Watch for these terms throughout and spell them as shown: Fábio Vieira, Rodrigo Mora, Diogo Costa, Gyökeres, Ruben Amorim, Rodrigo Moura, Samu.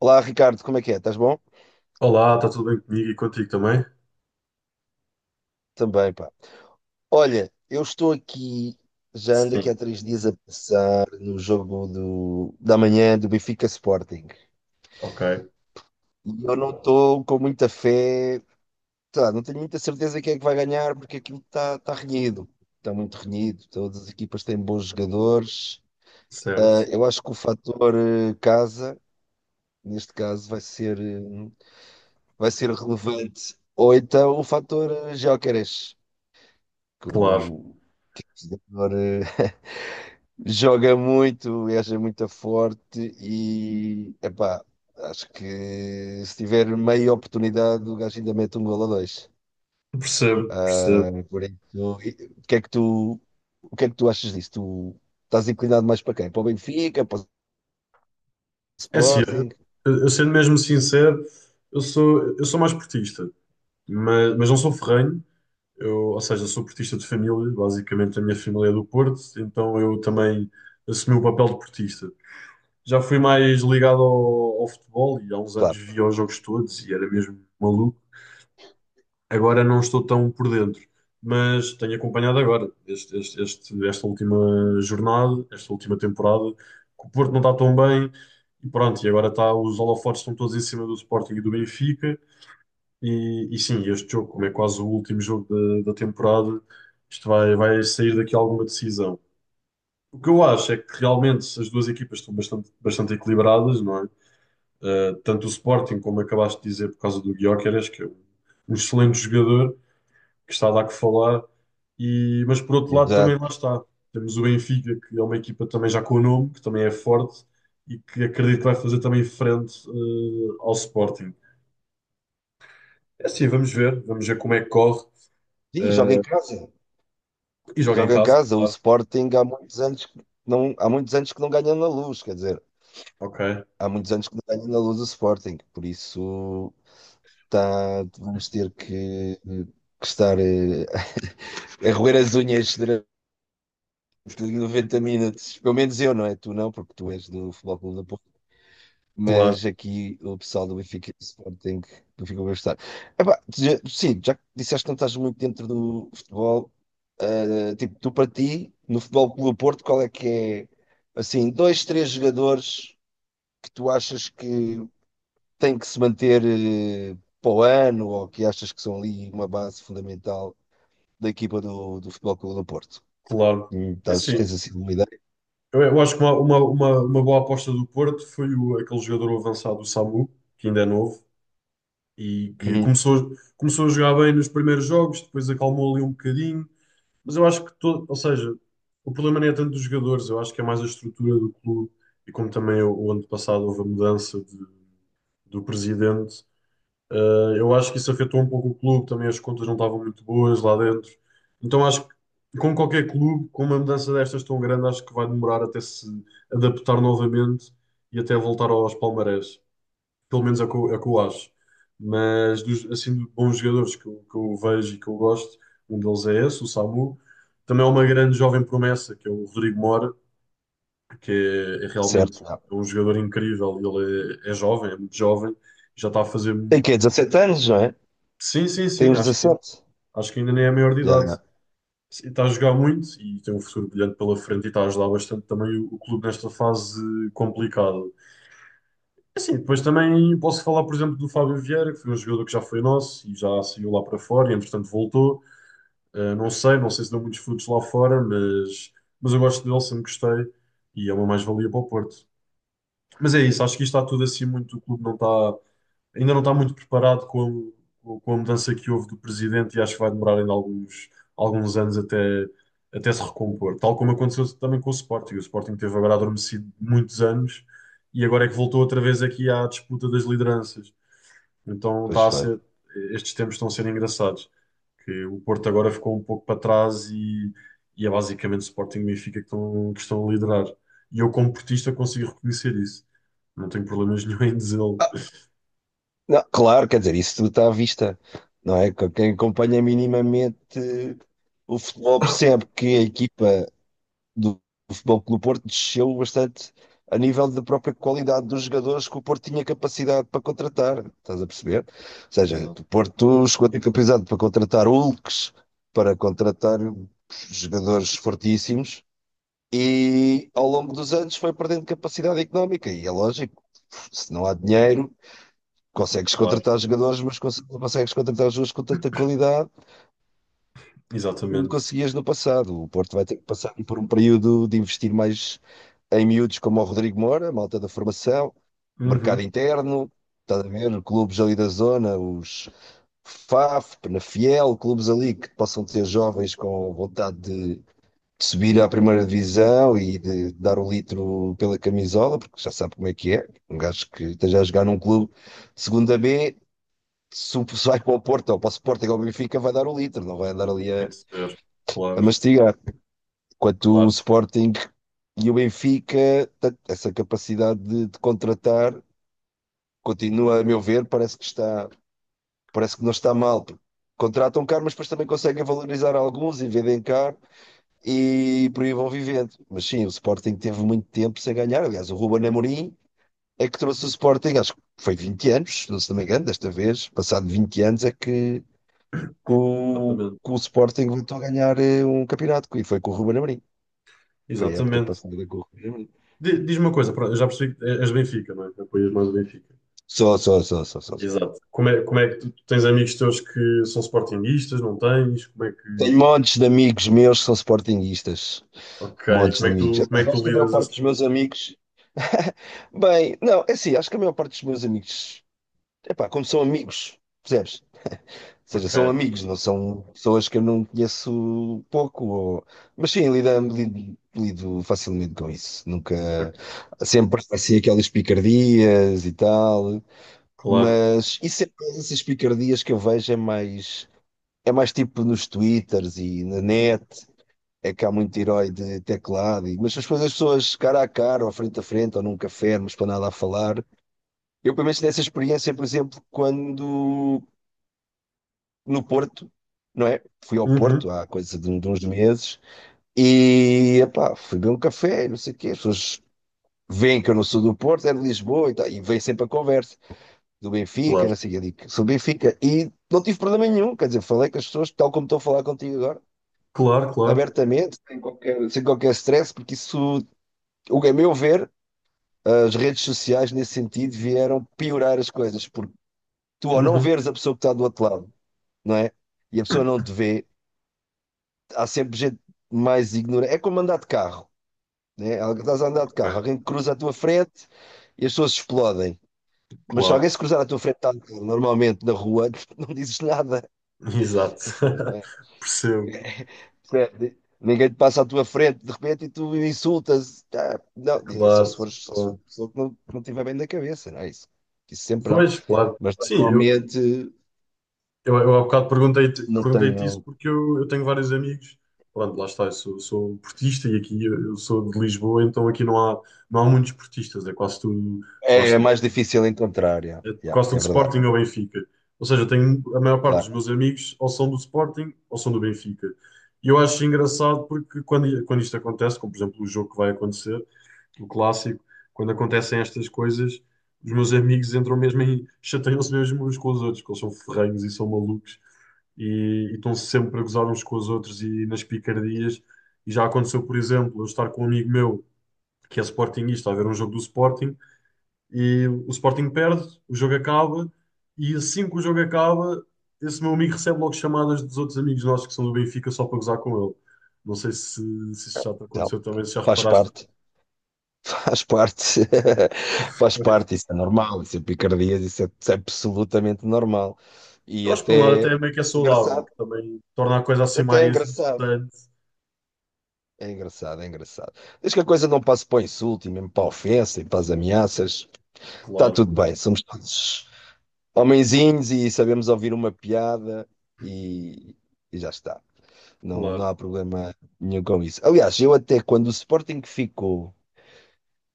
Olá, Ricardo, como é que é? Estás bom? Olá, está tudo bem comigo e contigo também? Também, pá. Olha, eu estou aqui, já ando aqui Sim, há 3 dias a pensar no jogo da manhã do Benfica Sporting. ok, E eu não estou com muita fé, sei lá, não tenho muita certeza quem é que vai ganhar, porque aquilo está renhido. Está muito renhido, todas as equipas têm bons jogadores. Ah, certo, eu acho que o fator casa, neste caso, vai ser relevante. Ou então o fator Gyökeres, que claro, o, que é o jogador. Joga muito, é muito forte e, epá, acho que se tiver meia oportunidade, o gajo ainda mete um golo ou dois. percebo, percebo. Ah, por isso, o que é que tu, o que é que tu achas disso? Tu estás inclinado mais para quem? Para o Benfica, para o É assim, Sporting? eu sendo mesmo sincero, eu sou mais portista, mas não sou ferrenho, eu, ou seja, sou portista de família, basicamente a minha família é do Porto, então eu também assumi o papel de portista. Já fui mais ligado ao futebol e há uns anos Claro, via os jogos todos e era mesmo maluco. Agora não estou tão por dentro, mas tenho acompanhado agora esta última jornada, esta última temporada, que o Porto não está tão bem e pronto, e agora está, os holofotes estão todos em cima do Sporting e do Benfica e sim, este jogo, como é quase o último jogo da temporada, isto vai, vai sair daqui alguma decisão. O que eu acho é que realmente as duas equipas estão bastante, bastante equilibradas, não é? Eh, tanto o Sporting, como acabaste de dizer, por causa do Gyökeres, que é um um excelente jogador, que está a dar que falar. E, mas por outro lado também lá exato. está. Temos o Benfica, que é uma equipa também já com o nome, que também é forte e que acredito que vai fazer também frente ao Sporting. É assim, vamos ver como é que corre. Sim, joga em eh, casa. e joga em Joga em casa, casa. O claro. Sporting há muitos anos que não ganha na Luz, quer dizer, Ok, há muitos anos que não ganha na Luz o Sporting. Por isso, tá, vamos ter que estar a roer as unhas durante 90 minutos. Pelo menos eu, não é? Tu não, porque tu és do Futebol Clube da Porto. claro, Mas aqui o pessoal do Benfica e do Sporting, do Benfica vai estar. Epá, sim, já que disseste que não estás muito dentro do futebol. Tipo, tu para ti, no Futebol Clube do Porto, qual é que é, assim, dois, três jogadores que tu achas que têm que se manter para o ano, ou que achas que são ali uma base fundamental da equipa do Futebol Clube do Porto. claro. Hum. É assim, Tens assim uma ideia? Eu acho que uma boa aposta do Porto foi o, aquele jogador avançado, o Samu, que ainda é novo e que Uhum. começou, começou a jogar bem nos primeiros jogos, depois acalmou ali um bocadinho. Mas eu acho que todo, ou seja, o problema nem é tanto dos jogadores, eu acho que é mais a estrutura do clube e como também o ano passado houve a mudança do presidente, eu acho que isso afetou um pouco o clube, também as contas não estavam muito boas lá dentro. Então acho que, como qualquer clube, com uma mudança destas tão grande, acho que vai demorar até se adaptar novamente e até voltar aos palmarés. Pelo menos é o que eu, é o que eu acho. Mas, dos, assim, de bons jogadores que eu vejo e que eu gosto, um deles é esse, o Samu. Também há uma grande jovem promessa, que é o Rodrigo Mora, que é, é realmente Certo, não. um jogador incrível. Ele é, é jovem, é muito jovem, já está a fazer. Tem que 17 anos, não é? Sim, sim, Tem sim, uns 17. acho que ainda nem é a maior de Já, idade. já. E está a jogar muito e tem um futuro brilhante pela frente e está a ajudar bastante também o clube nesta fase complicada. É assim, depois também posso falar, por exemplo, do Fábio Vieira, que foi um jogador que já foi nosso e já saiu lá para fora e, entretanto, voltou. Ah, não sei, não sei se deu muitos frutos lá fora, mas eu gosto dele, sempre gostei e é uma mais-valia para o Porto. Mas é isso, acho que isto está tudo assim muito, o clube não está, ainda não está muito preparado com a mudança que houve do presidente e acho que vai demorar ainda alguns, alguns anos até, até se recompor. Tal como aconteceu também com o Sporting. O Sporting teve agora adormecido muitos anos e agora é que voltou outra vez aqui à disputa das lideranças. Então Pois está a foi. ser, estes tempos estão a ser engraçados. Que o Porto agora ficou um pouco para trás e é basicamente o Sporting e o Benfica que estão a liderar. E eu, como portista, consigo reconhecer isso. Não tenho problemas nenhum em dizê-lo. Ah, não, claro, quer dizer, isso tudo está à vista, não é? Quem acompanha minimamente o futebol percebe que a equipa do do Futebol Clube do Porto desceu bastante a nível da própria qualidade dos jogadores que o Porto tinha capacidade para contratar. Estás a perceber? Ou seja, Exato. o Porto chegou a ter capacidade para contratar Hulks, para contratar jogadores fortíssimos, e ao longo dos anos foi perdendo capacidade económica. E é lógico, se não há dinheiro. Consegues Claro. contratar jogadores, mas não consegues contratar jogadores com tanta qualidade como Exatamente. conseguias no passado. O Porto vai ter que passar por um período de investir mais em miúdos como o Rodrigo Moura, malta da formação, mercado Uhum. interno, estás a ver? Clubes ali da zona, os FAF, Penafiel, clubes ali que possam ter jovens com vontade de subir à primeira divisão e de dar o litro pela camisola, porque já sabe como é que é. Um gajo que esteja a jogar num clube de segunda B, se vai para o Porto ou para o Sporting ou o Benfica, vai dar o litro, não vai andar ali Tem a que ser. a Claro, mastigar. Quanto o claro. Sporting e o Benfica, essa capacidade de contratar continua, a meu ver. Parece que não está mal, porque contratam caro, mas depois também conseguem valorizar alguns e vendem caro, e por aí vão vivendo. Mas sim, o Sporting teve muito tempo sem ganhar. Aliás, o Ruben Amorim é que trouxe o Sporting, acho que foi 20 anos, não me engano, desta vez, passado 20 anos, é que o, Exatamente. que o Sporting voltou a ganhar um campeonato. E foi com o Ruben Amorim. Foi a época Exatamente. passada com o Ruben Amorim. Diz-me uma coisa, pronto, eu já percebi que é, és Benfica, não é? Apoias mais o Benfica. Só, só, só, só, só, só. Exato. Como é que tu, tu tens amigos teus que são sportinguistas, não tens? Como é que. Tenho montes de amigos meus que são sportinguistas. Ok. Montes Como de é que amigos. tu, como é que Epá, acho tu que a maior lidas parte dos meus assim? amigos. Bem, não, é assim, acho que a maior parte dos meus amigos. Epá, como são amigos, percebes? Ou seja, são Ok. amigos, não são pessoas que eu não conheço pouco. Mas sim, lido facilmente com isso. Nunca. Ok. Sempre assim aquelas picardias e tal. Claro. Mas isso é mais. Essas picardias que eu vejo é mais. É mais tipo nos Twitters e na net, é que há muito herói de teclado, mas depois as pessoas cara a cara, ou frente a frente, ou num café, numa esplanada a falar. Eu, pelo menos, tive essa experiência, por exemplo, quando no Porto, não é? Fui ao Uhum. Porto há coisa de uns meses e, epá, fui beber um café, não sei o quê. As pessoas veem que eu não sou do Porto, é de Lisboa e tal, e vem sempre a conversa do Benfica, Claro. não sei o quê. Eu digo, sou do Benfica, e não tive problema nenhum, quer dizer, falei com as pessoas tal como estou a falar contigo agora, Claro, claro. abertamente, sem qualquer stress, porque isso, o que é meu ver, as redes sociais, nesse sentido, vieram piorar as coisas, porque tu, ao não Uhum. veres a pessoa que está do outro lado, não é? E a pessoa não te vê, há sempre gente mais ignorante. É como andar de carro, né? Estás a andar de carro, Ok. alguém cruza a tua frente e as pessoas explodem. Mas se Claro. alguém se cruzar à tua frente, tá, normalmente na rua, não dizes nada, Exato. não é? Percebo. Percebe? Ninguém te passa à tua frente de repente e tu insultas. Ah, não, diga, Claro. Só se for Claro. uma pessoa que não, estiver bem da cabeça, não é isso? Que isso sempre há. Pois, claro. Mas Sim, eu, normalmente Eu, eu há bocado perguntei-te não perguntei-te isso tenho. porque eu tenho vários amigos. Pronto, lá está, eu sou, sou um portista e aqui eu sou de Lisboa, então aqui não há, não há muitos portistas, é quase tudo, É, lá é está, mais difícil encontrar, yeah, é yeah, quase é tudo verdade, Sporting ou Benfica. Ou seja, eu tenho a maior parte dos claro. meus amigos ou são do Sporting ou são do Benfica. E eu acho engraçado porque quando, quando isto acontece, como por exemplo o jogo que vai acontecer, o clássico, quando acontecem estas coisas, os meus amigos entram mesmo em, chateiam-se mesmo uns com os outros, porque eles são ferrenhos e são malucos e estão sempre a gozar uns com os outros e nas picardias. E já aconteceu, por exemplo, eu estar com um amigo meu que é sportinguista a ver um jogo do Sporting e o Sporting perde, o jogo acaba e assim que o jogo acaba, esse meu amigo recebe logo chamadas dos outros amigos nossos que são do Benfica só para gozar com ele. Não sei se, se isso já te Então, aconteceu também, se já faz reparaste. parte, faz parte, faz Mas parte, isso é normal, isso é picardias, isso é absolutamente normal. E eu acho que por um lado até até é meio que é saudável, engraçado, que também torna a coisa assim até é mais engraçado, interessante. é engraçado, é engraçado. Desde que a coisa não passe para o insulto e mesmo para a ofensa e para as ameaças, está Claro, tudo bem, somos todos homenzinhos e sabemos ouvir uma piada e, e já está. Não, não claro, há problema nenhum com isso. Aliás, eu até quando o Sporting ficou,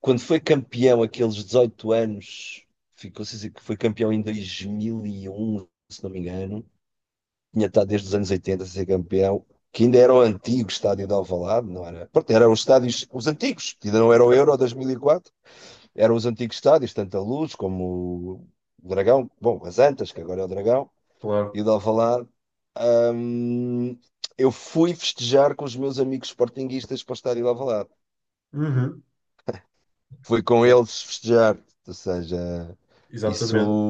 quando foi campeão aqueles 18 anos, ficou, se dizer que foi campeão em 2001, se não me engano, tinha estado desde os anos 80 a ser campeão, que ainda era o antigo estádio de Alvalade, não era? Pronto, eram os estádios, os antigos, que ainda não era o Euro certo, 2004, eram os antigos estádios, tanto a Luz como o Dragão, bom, as Antas, que agora é o Dragão, claro. e o de Alvalade. Hum, eu fui festejar com os meus amigos sportinguistas para o estádio de Alvalade. Uhum. Fui com eles festejar, ou seja, isso Exatamente.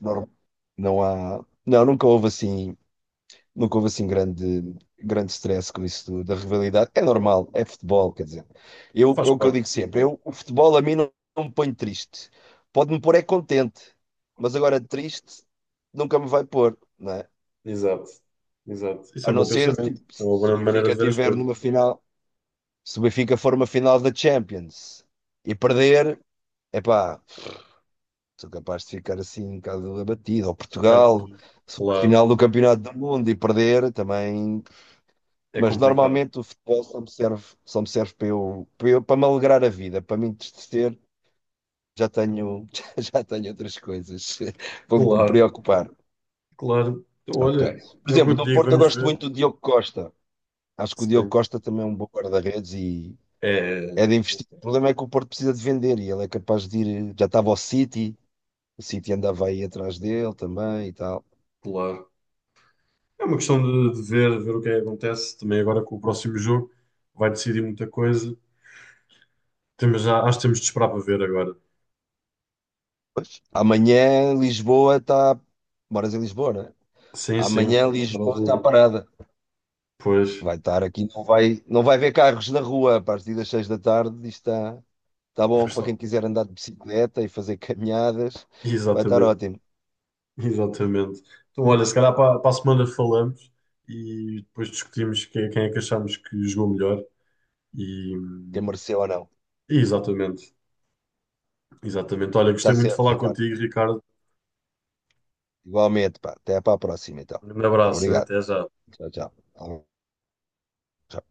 nor- não, há, não, nunca houve assim grande, grande stress com isso da rivalidade. É normal, é futebol, quer dizer. Eu, é Faz o que eu parte. digo sempre, Né? eu, o futebol a mim não me põe triste. Pode-me pôr é contente, mas agora triste nunca me vai pôr, não é? Exato, exato. Isso é A um não bom ser pensamento. tipo, É uma se boa o maneira Benfica de ver as estiver coisas. Um numa final. Se o Benfica for uma final da Champions e perder, epá, sou capaz de ficar assim um bocado abatido. Ou bocado Portugal, triste. se for a Claro, final do Campeonato do Mundo e perder também. é Mas complicado. normalmente o futebol só me serve para me alegrar a vida, para me entristecer. Já tenho, já tenho outras coisas para me Claro, preocupar. claro. Então, Ok. olha, Por é o que exemplo, eu te no digo, Porto eu vamos gosto ver. muito do Diogo Costa. Acho que o Diogo Sim, Costa também é um bom guarda-redes, e é, é de investir. O problema é que o Porto precisa de vender e ele é capaz de ir. Já estava ao City, o City andava aí atrás dele também e tal. claro. É uma questão de ver, ver o que é que acontece. Também agora com o próximo jogo vai decidir muita coisa. Temos, acho que temos de esperar para ver agora. Pois. Amanhã Lisboa está. Moras em Lisboa, né? Sim, sim, vai Amanhã estar ao Lisboa está rubro. parada. Pois, Vai estar aqui, não vai, ver carros na rua a partir das 6 da tarde. Isto está vai bom para estar. quem quiser andar de bicicleta e fazer caminhadas. Vai estar Exatamente. ótimo. Exatamente. Então, olha, se calhar para, para a semana falamos e depois discutimos quem, quem é que achamos que jogou melhor. E, Quem mereceu ou não. e exatamente, exatamente. Olha, gostei Está muito de certo, falar Ricardo. contigo, Ricardo. Igualmente, pá. Até para a próxima, então. Um grande abraço, hein? Obrigado. Até já. Tchau, tchau. Tchau.